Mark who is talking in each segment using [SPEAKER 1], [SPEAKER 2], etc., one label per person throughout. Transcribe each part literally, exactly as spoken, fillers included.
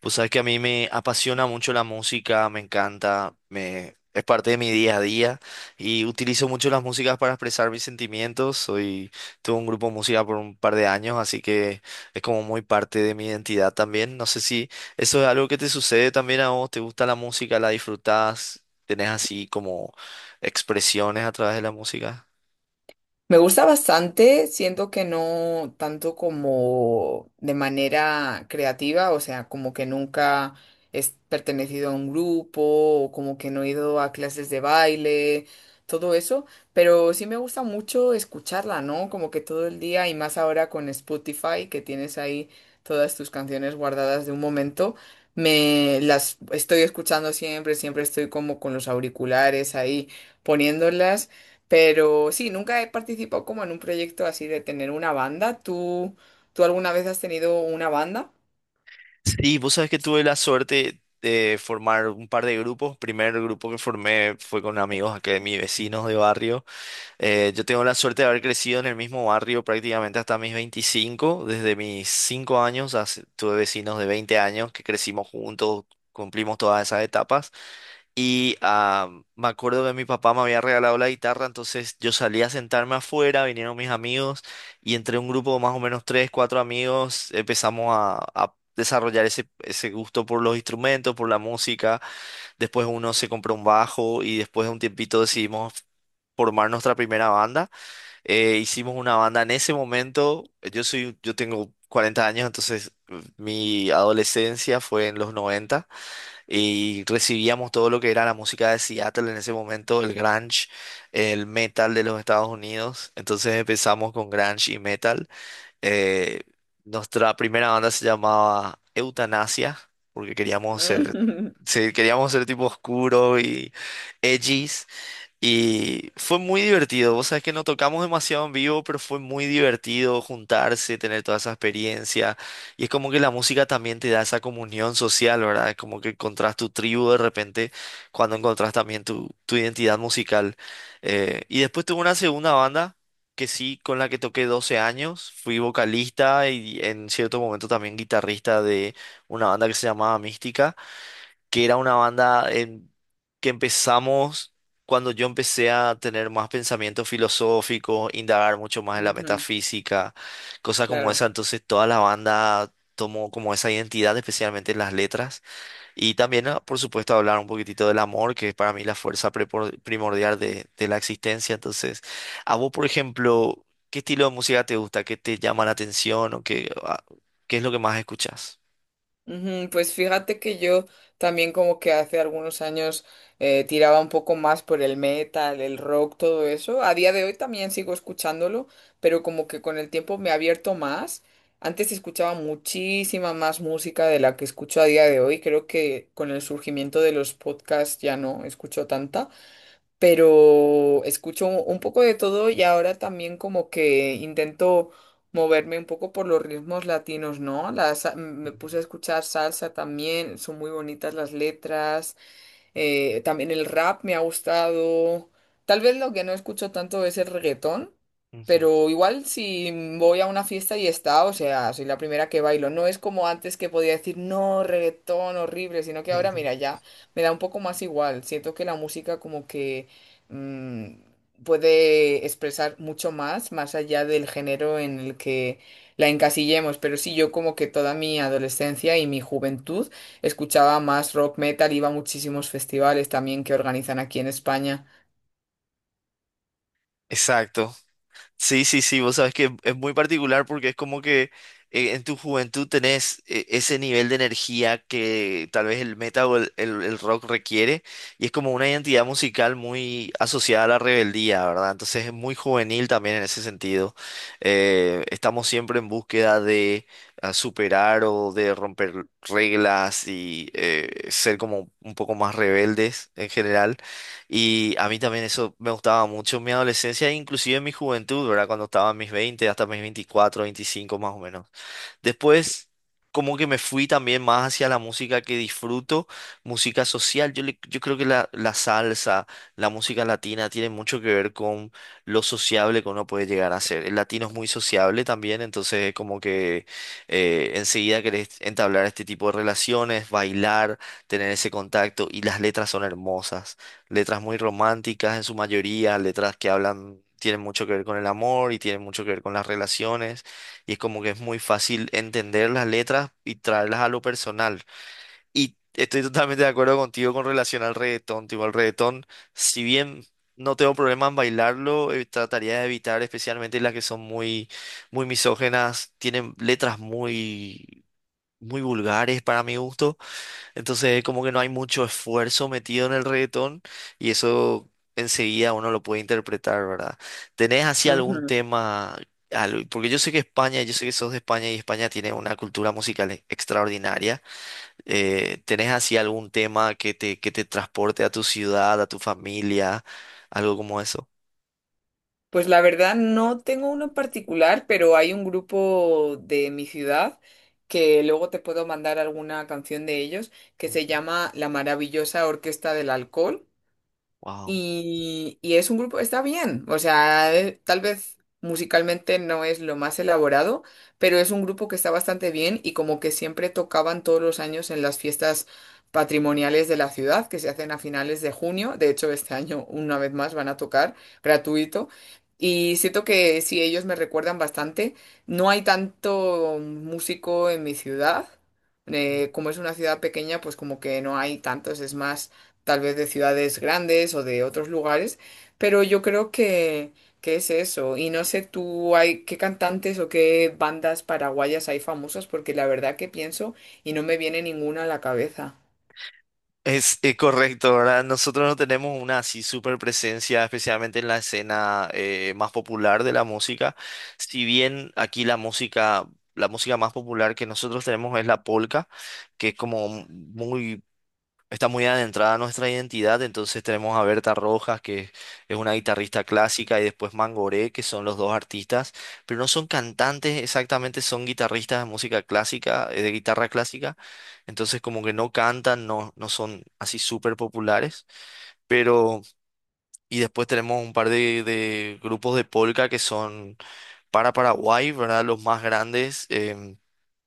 [SPEAKER 1] Pues sabes que a mí me apasiona mucho la música, me encanta, me, es parte de mi día a día y utilizo mucho las músicas para expresar mis sentimientos. Soy, tuve un grupo de música por un par de años, así que es como muy parte de mi identidad también. No sé si eso es algo que te sucede también a vos, te gusta la música, la disfrutás, tenés así como expresiones a través de la música.
[SPEAKER 2] Me gusta bastante, siento que no tanto como de manera creativa, o sea, como que nunca he pertenecido a un grupo o como que no he ido a clases de baile, todo eso, pero sí me gusta mucho escucharla, ¿no? Como que todo el día y más ahora con Spotify que tienes ahí todas tus canciones guardadas de un momento, me las estoy escuchando siempre, siempre estoy como con los auriculares ahí poniéndolas. Pero sí, nunca he participado como en un proyecto así de tener una banda. ¿Tú, tú alguna vez has tenido una banda?
[SPEAKER 1] Sí, vos sabes que tuve la suerte de formar un par de grupos. Primer grupo que formé fue con amigos acá de mis vecinos de barrio. Eh, yo tengo la suerte de haber crecido en el mismo barrio prácticamente hasta mis veinticinco. Desde mis cinco años as- tuve vecinos de 20 años que crecimos juntos, cumplimos todas esas etapas. Y ah, me acuerdo que mi papá me había regalado la guitarra, entonces yo salí a sentarme afuera, vinieron mis amigos y entre un grupo de más o menos tres, cuatro amigos empezamos a, a desarrollar ese, ese gusto por los instrumentos, por la música. Después uno se compró un bajo y después de un tiempito decidimos formar nuestra primera banda. Eh, hicimos una banda en ese momento, yo soy, yo tengo cuarenta años, entonces eh, mi adolescencia fue en los noventa y recibíamos todo lo que era la música de Seattle en ese momento, el grunge, el metal de los Estados Unidos. Entonces empezamos con grunge y metal. Eh, nuestra primera banda se llamaba Eutanasia, porque queríamos ser,
[SPEAKER 2] Ujú,
[SPEAKER 1] sí, queríamos ser tipo oscuro y edgy, y fue muy divertido. Vos sabés que no tocamos demasiado en vivo, pero fue muy divertido juntarse, tener toda esa experiencia. Y es como que la música también te da esa comunión social, ¿verdad? Es como que encontrás tu tribu de repente cuando encontrás también tu, tu identidad musical. Eh, y después tuve una segunda banda que sí, con la que toqué doce años. Fui vocalista y en cierto momento también guitarrista de una banda que se llamaba Mística que era una banda en- que empezamos cuando yo empecé a tener más pensamientos filosóficos, indagar mucho más en la
[SPEAKER 2] ujú.
[SPEAKER 1] metafísica, cosas como
[SPEAKER 2] Claro.
[SPEAKER 1] esa. Entonces toda la banda tomó como esa identidad, especialmente en las letras. Y también, ah, por supuesto, hablar un poquitito del amor, que es para mí la fuerza prepor- primordial de, de la existencia. Entonces, a vos, por ejemplo, ¿qué estilo de música te gusta? ¿Qué te llama la atención? ¿O qué, ah, qué es lo que más escuchas?
[SPEAKER 2] Ujú. Pues fíjate que yo también como que hace algunos años eh, tiraba un poco más por el metal, el rock, todo eso. A día de hoy también sigo escuchándolo, pero como que con el tiempo me he abierto más. Antes escuchaba muchísima más música de la que escucho a día de hoy. Creo que con el surgimiento de los podcasts ya no escucho tanta, pero escucho un poco de todo y ahora también como que intento moverme un poco por los ritmos latinos, ¿no? La sa- me
[SPEAKER 1] Ujú,
[SPEAKER 2] puse a escuchar salsa también, son muy bonitas las letras. Eh, también el rap me ha gustado. Tal vez lo que no escucho tanto es el reggaetón,
[SPEAKER 1] ujú,
[SPEAKER 2] pero igual si voy a una fiesta y está, o sea, soy la primera que bailo. No es como antes que podía decir, no, reggaetón horrible, sino que ahora,
[SPEAKER 1] ujú.
[SPEAKER 2] mira, ya me da un poco más igual. Siento que la música como que mm, puede expresar mucho más, más allá del género en el que la encasillemos. Pero sí, yo como que toda mi adolescencia y mi juventud escuchaba más rock metal, iba a muchísimos festivales también que organizan aquí en España.
[SPEAKER 1] Exacto. Sí, sí, sí, vos sabés que es muy particular porque es como que eh, en tu juventud tenés eh, ese nivel de energía que tal vez el metal o el, el- el rock requiere y es como una identidad musical muy asociada a la rebeldía, ¿verdad? Entonces es muy juvenil también en ese sentido. Eh, estamos siempre en búsqueda de ah, superar o de romper reglas y eh, ser como un poco más rebeldes en general. Y a mí también eso me gustaba mucho en mi adolescencia, e inclusive en mi juventud, ¿verdad? Cuando estaba en mis veinte hasta mis veinticuatro veinticinco más o menos. Después, como que me fui también más hacia la música que disfruto, música social. Yo, le- yo creo que la, la salsa, la música latina tiene mucho que ver con lo sociable que uno puede llegar a ser. El latino es muy sociable también, entonces es como que eh, enseguida querés entablar este tipo de relaciones, bailar, tener ese contacto y las letras son hermosas. Letras muy románticas en su mayoría, letras que hablan, tienen mucho que ver con el amor y tienen mucho que ver con las relaciones. Y es como que es muy fácil entender las letras y traerlas a lo personal. Y estoy totalmente de acuerdo contigo con relación al reggaetón. Tipo, el reggaetón, si bien no tengo problema en bailarlo, eh, trataría de evitar especialmente las que son muy, muy misógenas, tienen letras muy, muy vulgares para mi gusto. Entonces, como que no hay mucho esfuerzo metido en el reggaetón y eso enseguida uno lo puede interpretar, ¿verdad? ¿Tenés así algún
[SPEAKER 2] Ujú.
[SPEAKER 1] tema? al- Porque yo sé que España, yo sé que sos de España y España tiene una cultura musical e- extraordinaria. Eh, ¿tenés así algún tema que te, que te transporte a tu ciudad, a tu familia, algo como eso?
[SPEAKER 2] Pues la verdad no tengo uno en particular, pero hay un grupo de mi ciudad que luego te puedo mandar alguna canción de ellos que se llama La Maravillosa Orquesta del Alcohol.
[SPEAKER 1] Wow.
[SPEAKER 2] Y, y es un grupo, está bien, o sea, eh, tal vez musicalmente no es lo más elaborado, pero es un grupo que está bastante bien y como que siempre tocaban todos los años en las fiestas patrimoniales de la ciudad, que se hacen a finales de junio. De hecho, este año una vez más van a tocar gratuito. Y siento que sí, ellos me recuerdan bastante. No hay tanto músico en mi ciudad, eh, como es una ciudad pequeña, pues como que no hay tantos, es más tal vez de ciudades grandes o de otros lugares, pero yo creo que, que es eso. Y no sé tú, hay, qué cantantes o qué bandas paraguayas hay famosas, porque la verdad que pienso y no me viene ninguna a la cabeza.
[SPEAKER 1] Es, eh, correcto, ¿verdad? Nosotros no tenemos una así super presencia, especialmente en la escena eh, más popular de la música. Si bien aquí la música, la música más popular que nosotros tenemos es la polka, que es como muy está muy adentrada a nuestra identidad, entonces tenemos a Berta Rojas, que es una guitarrista clásica, y después Mangoré, que son los dos artistas, pero no son cantantes exactamente, son guitarristas de música clásica, eh, de guitarra clásica, entonces como que no cantan, no, no son así súper populares, pero... Y después tenemos un par de, de grupos de polka que son para Paraguay, ¿verdad? Los más grandes. em,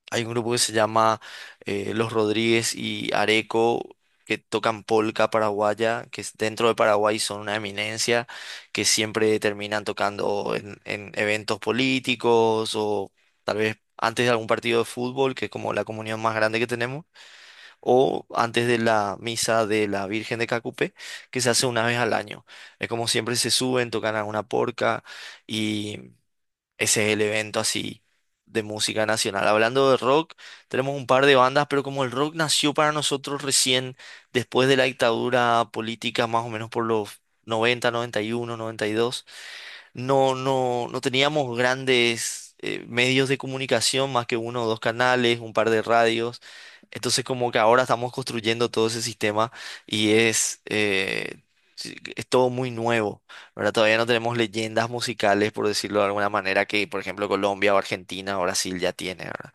[SPEAKER 1] hay un grupo que se llama eh, Los Rodríguez y Areco, que tocan polca paraguaya, que es- dentro de Paraguay son una eminencia, que siempre terminan tocando en, en eventos políticos o tal vez antes de algún partido de fútbol, que es como la comunión más grande que tenemos, o antes de la misa de la Virgen de Cacupé, que se hace una vez al año. Es como siempre se suben, tocan alguna porca. Ese es el evento así de música nacional. Hablando de rock, tenemos un par de bandas, pero como el rock nació para nosotros recién después de la dictadura política, más o menos por los noventa, noventa y uno, noventa y dos. No, no, no teníamos grandes eh, medios de comunicación, más que uno o dos canales, un par de radios. Entonces como que ahora estamos construyendo todo ese sistema y es, eh, sí, es todo muy nuevo, ¿verdad? Todavía no tenemos leyendas musicales, por decirlo de alguna manera, que por ejemplo Colombia o Argentina o Brasil ya tiene, ¿verdad?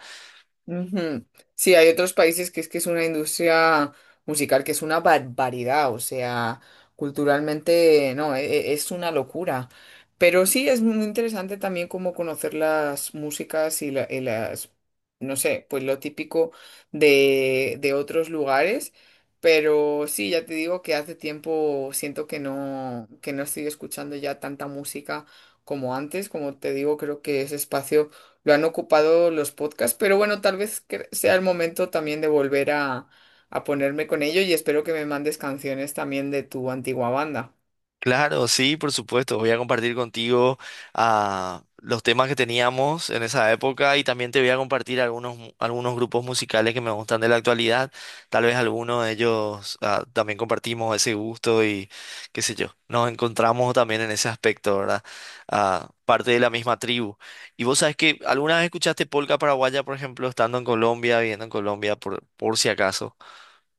[SPEAKER 2] Ujú. Sí, hay otros países que es que es una industria musical que es una barbaridad, o sea, culturalmente no, e- e- es una locura. Pero sí es muy interesante también como conocer las músicas y, la- y las, no sé, pues lo típico de, de otros lugares. Pero sí, ya te digo que hace tiempo siento que no, que no estoy escuchando ya tanta música como antes. Como te digo, creo que ese espacio lo han ocupado los podcasts, pero bueno, tal vez cre- sea el momento también de volver a, a ponerme con ello, y espero que me mandes canciones también de tu antigua banda.
[SPEAKER 1] Claro, sí, por supuesto. Voy a compartir contigo ah, los temas que teníamos en esa época y también te voy a compartir algunos, mu- algunos grupos musicales que me gustan de la actualidad. Tal vez algunos de ellos ah, también compartimos ese gusto y qué sé yo. Nos encontramos también en ese aspecto, ¿verdad? Ah, parte de la misma tribu. Y vos sabes que alguna vez escuchaste polca paraguaya, por ejemplo, estando en Colombia, viviendo en Colombia, por, por si acaso.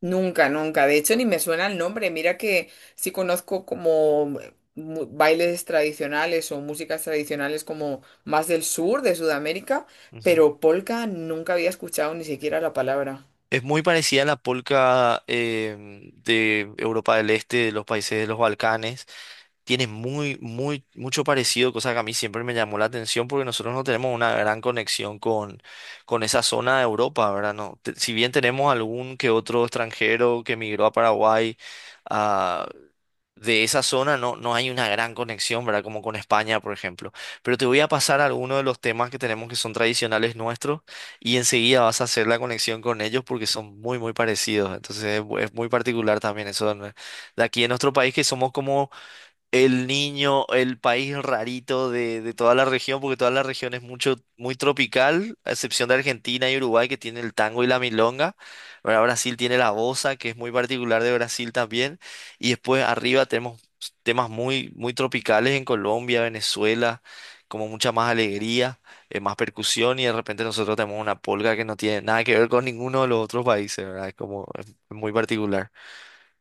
[SPEAKER 2] Nunca, nunca. De hecho, ni me suena el nombre. Mira que sí conozco como mu- bailes tradicionales o músicas tradicionales como más del sur de Sudamérica, pero polka nunca había escuchado ni siquiera la palabra.
[SPEAKER 1] Es muy parecida a la polca em, de Europa del Este, de los países de los Balcanes. Tiene muy, muy, mucho parecido, cosa que a mí siempre me llamó la atención porque nosotros no tenemos una gran conexión con, con esa zona de Europa, ¿verdad? No, te- si bien tenemos algún que otro extranjero que emigró a Paraguay, de esa zona no, no hay una gran conexión, ¿verdad? Como con España, por ejemplo. Pero te voy a pasar algunos de los temas que tenemos que son tradicionales nuestros y enseguida vas a hacer la conexión con ellos porque son muy, muy parecidos. Entonces es, mu- es muy particular también eso de, nue- de aquí en nuestro país que somos como el niño, el país rarito de, de toda la región, porque toda la región es mucho, muy tropical, a excepción de Argentina y Uruguay, que tienen el tango y la milonga. Ahora Brasil tiene la bossa, que es muy particular de Brasil también. Y después arriba tenemos temas muy, muy tropicales en Colombia, Venezuela, como mucha más alegría, eh, más percusión, y de repente nosotros tenemos una polca que no tiene nada que ver con ninguno de los otros países, ¿verdad? Es como es muy particular.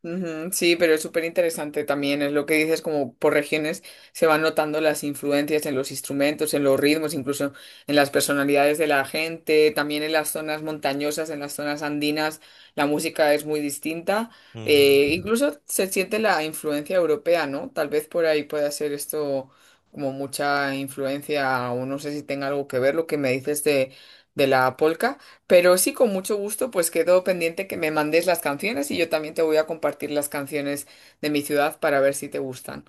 [SPEAKER 2] Ujú. Sí, pero es súper interesante también, es lo que dices, como por regiones se van notando las influencias en los instrumentos, en los ritmos, incluso en las personalidades de la gente, también en las zonas montañosas, en las zonas andinas, la música es muy distinta.
[SPEAKER 1] Ujú.
[SPEAKER 2] Eh, incluso se siente la influencia europea, ¿no? Tal vez por ahí pueda ser esto como mucha influencia, o no sé si tenga algo que ver lo que me dices de, de la polca. Pero sí, con mucho gusto, pues quedo pendiente que me mandes las canciones y yo también te voy a compartir las canciones de mi ciudad para ver si te gustan.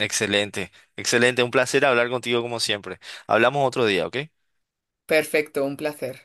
[SPEAKER 1] Excelente, excelente. Un placer hablar contigo como siempre. Hablamos otro día, ¿ok?
[SPEAKER 2] Perfecto, un placer.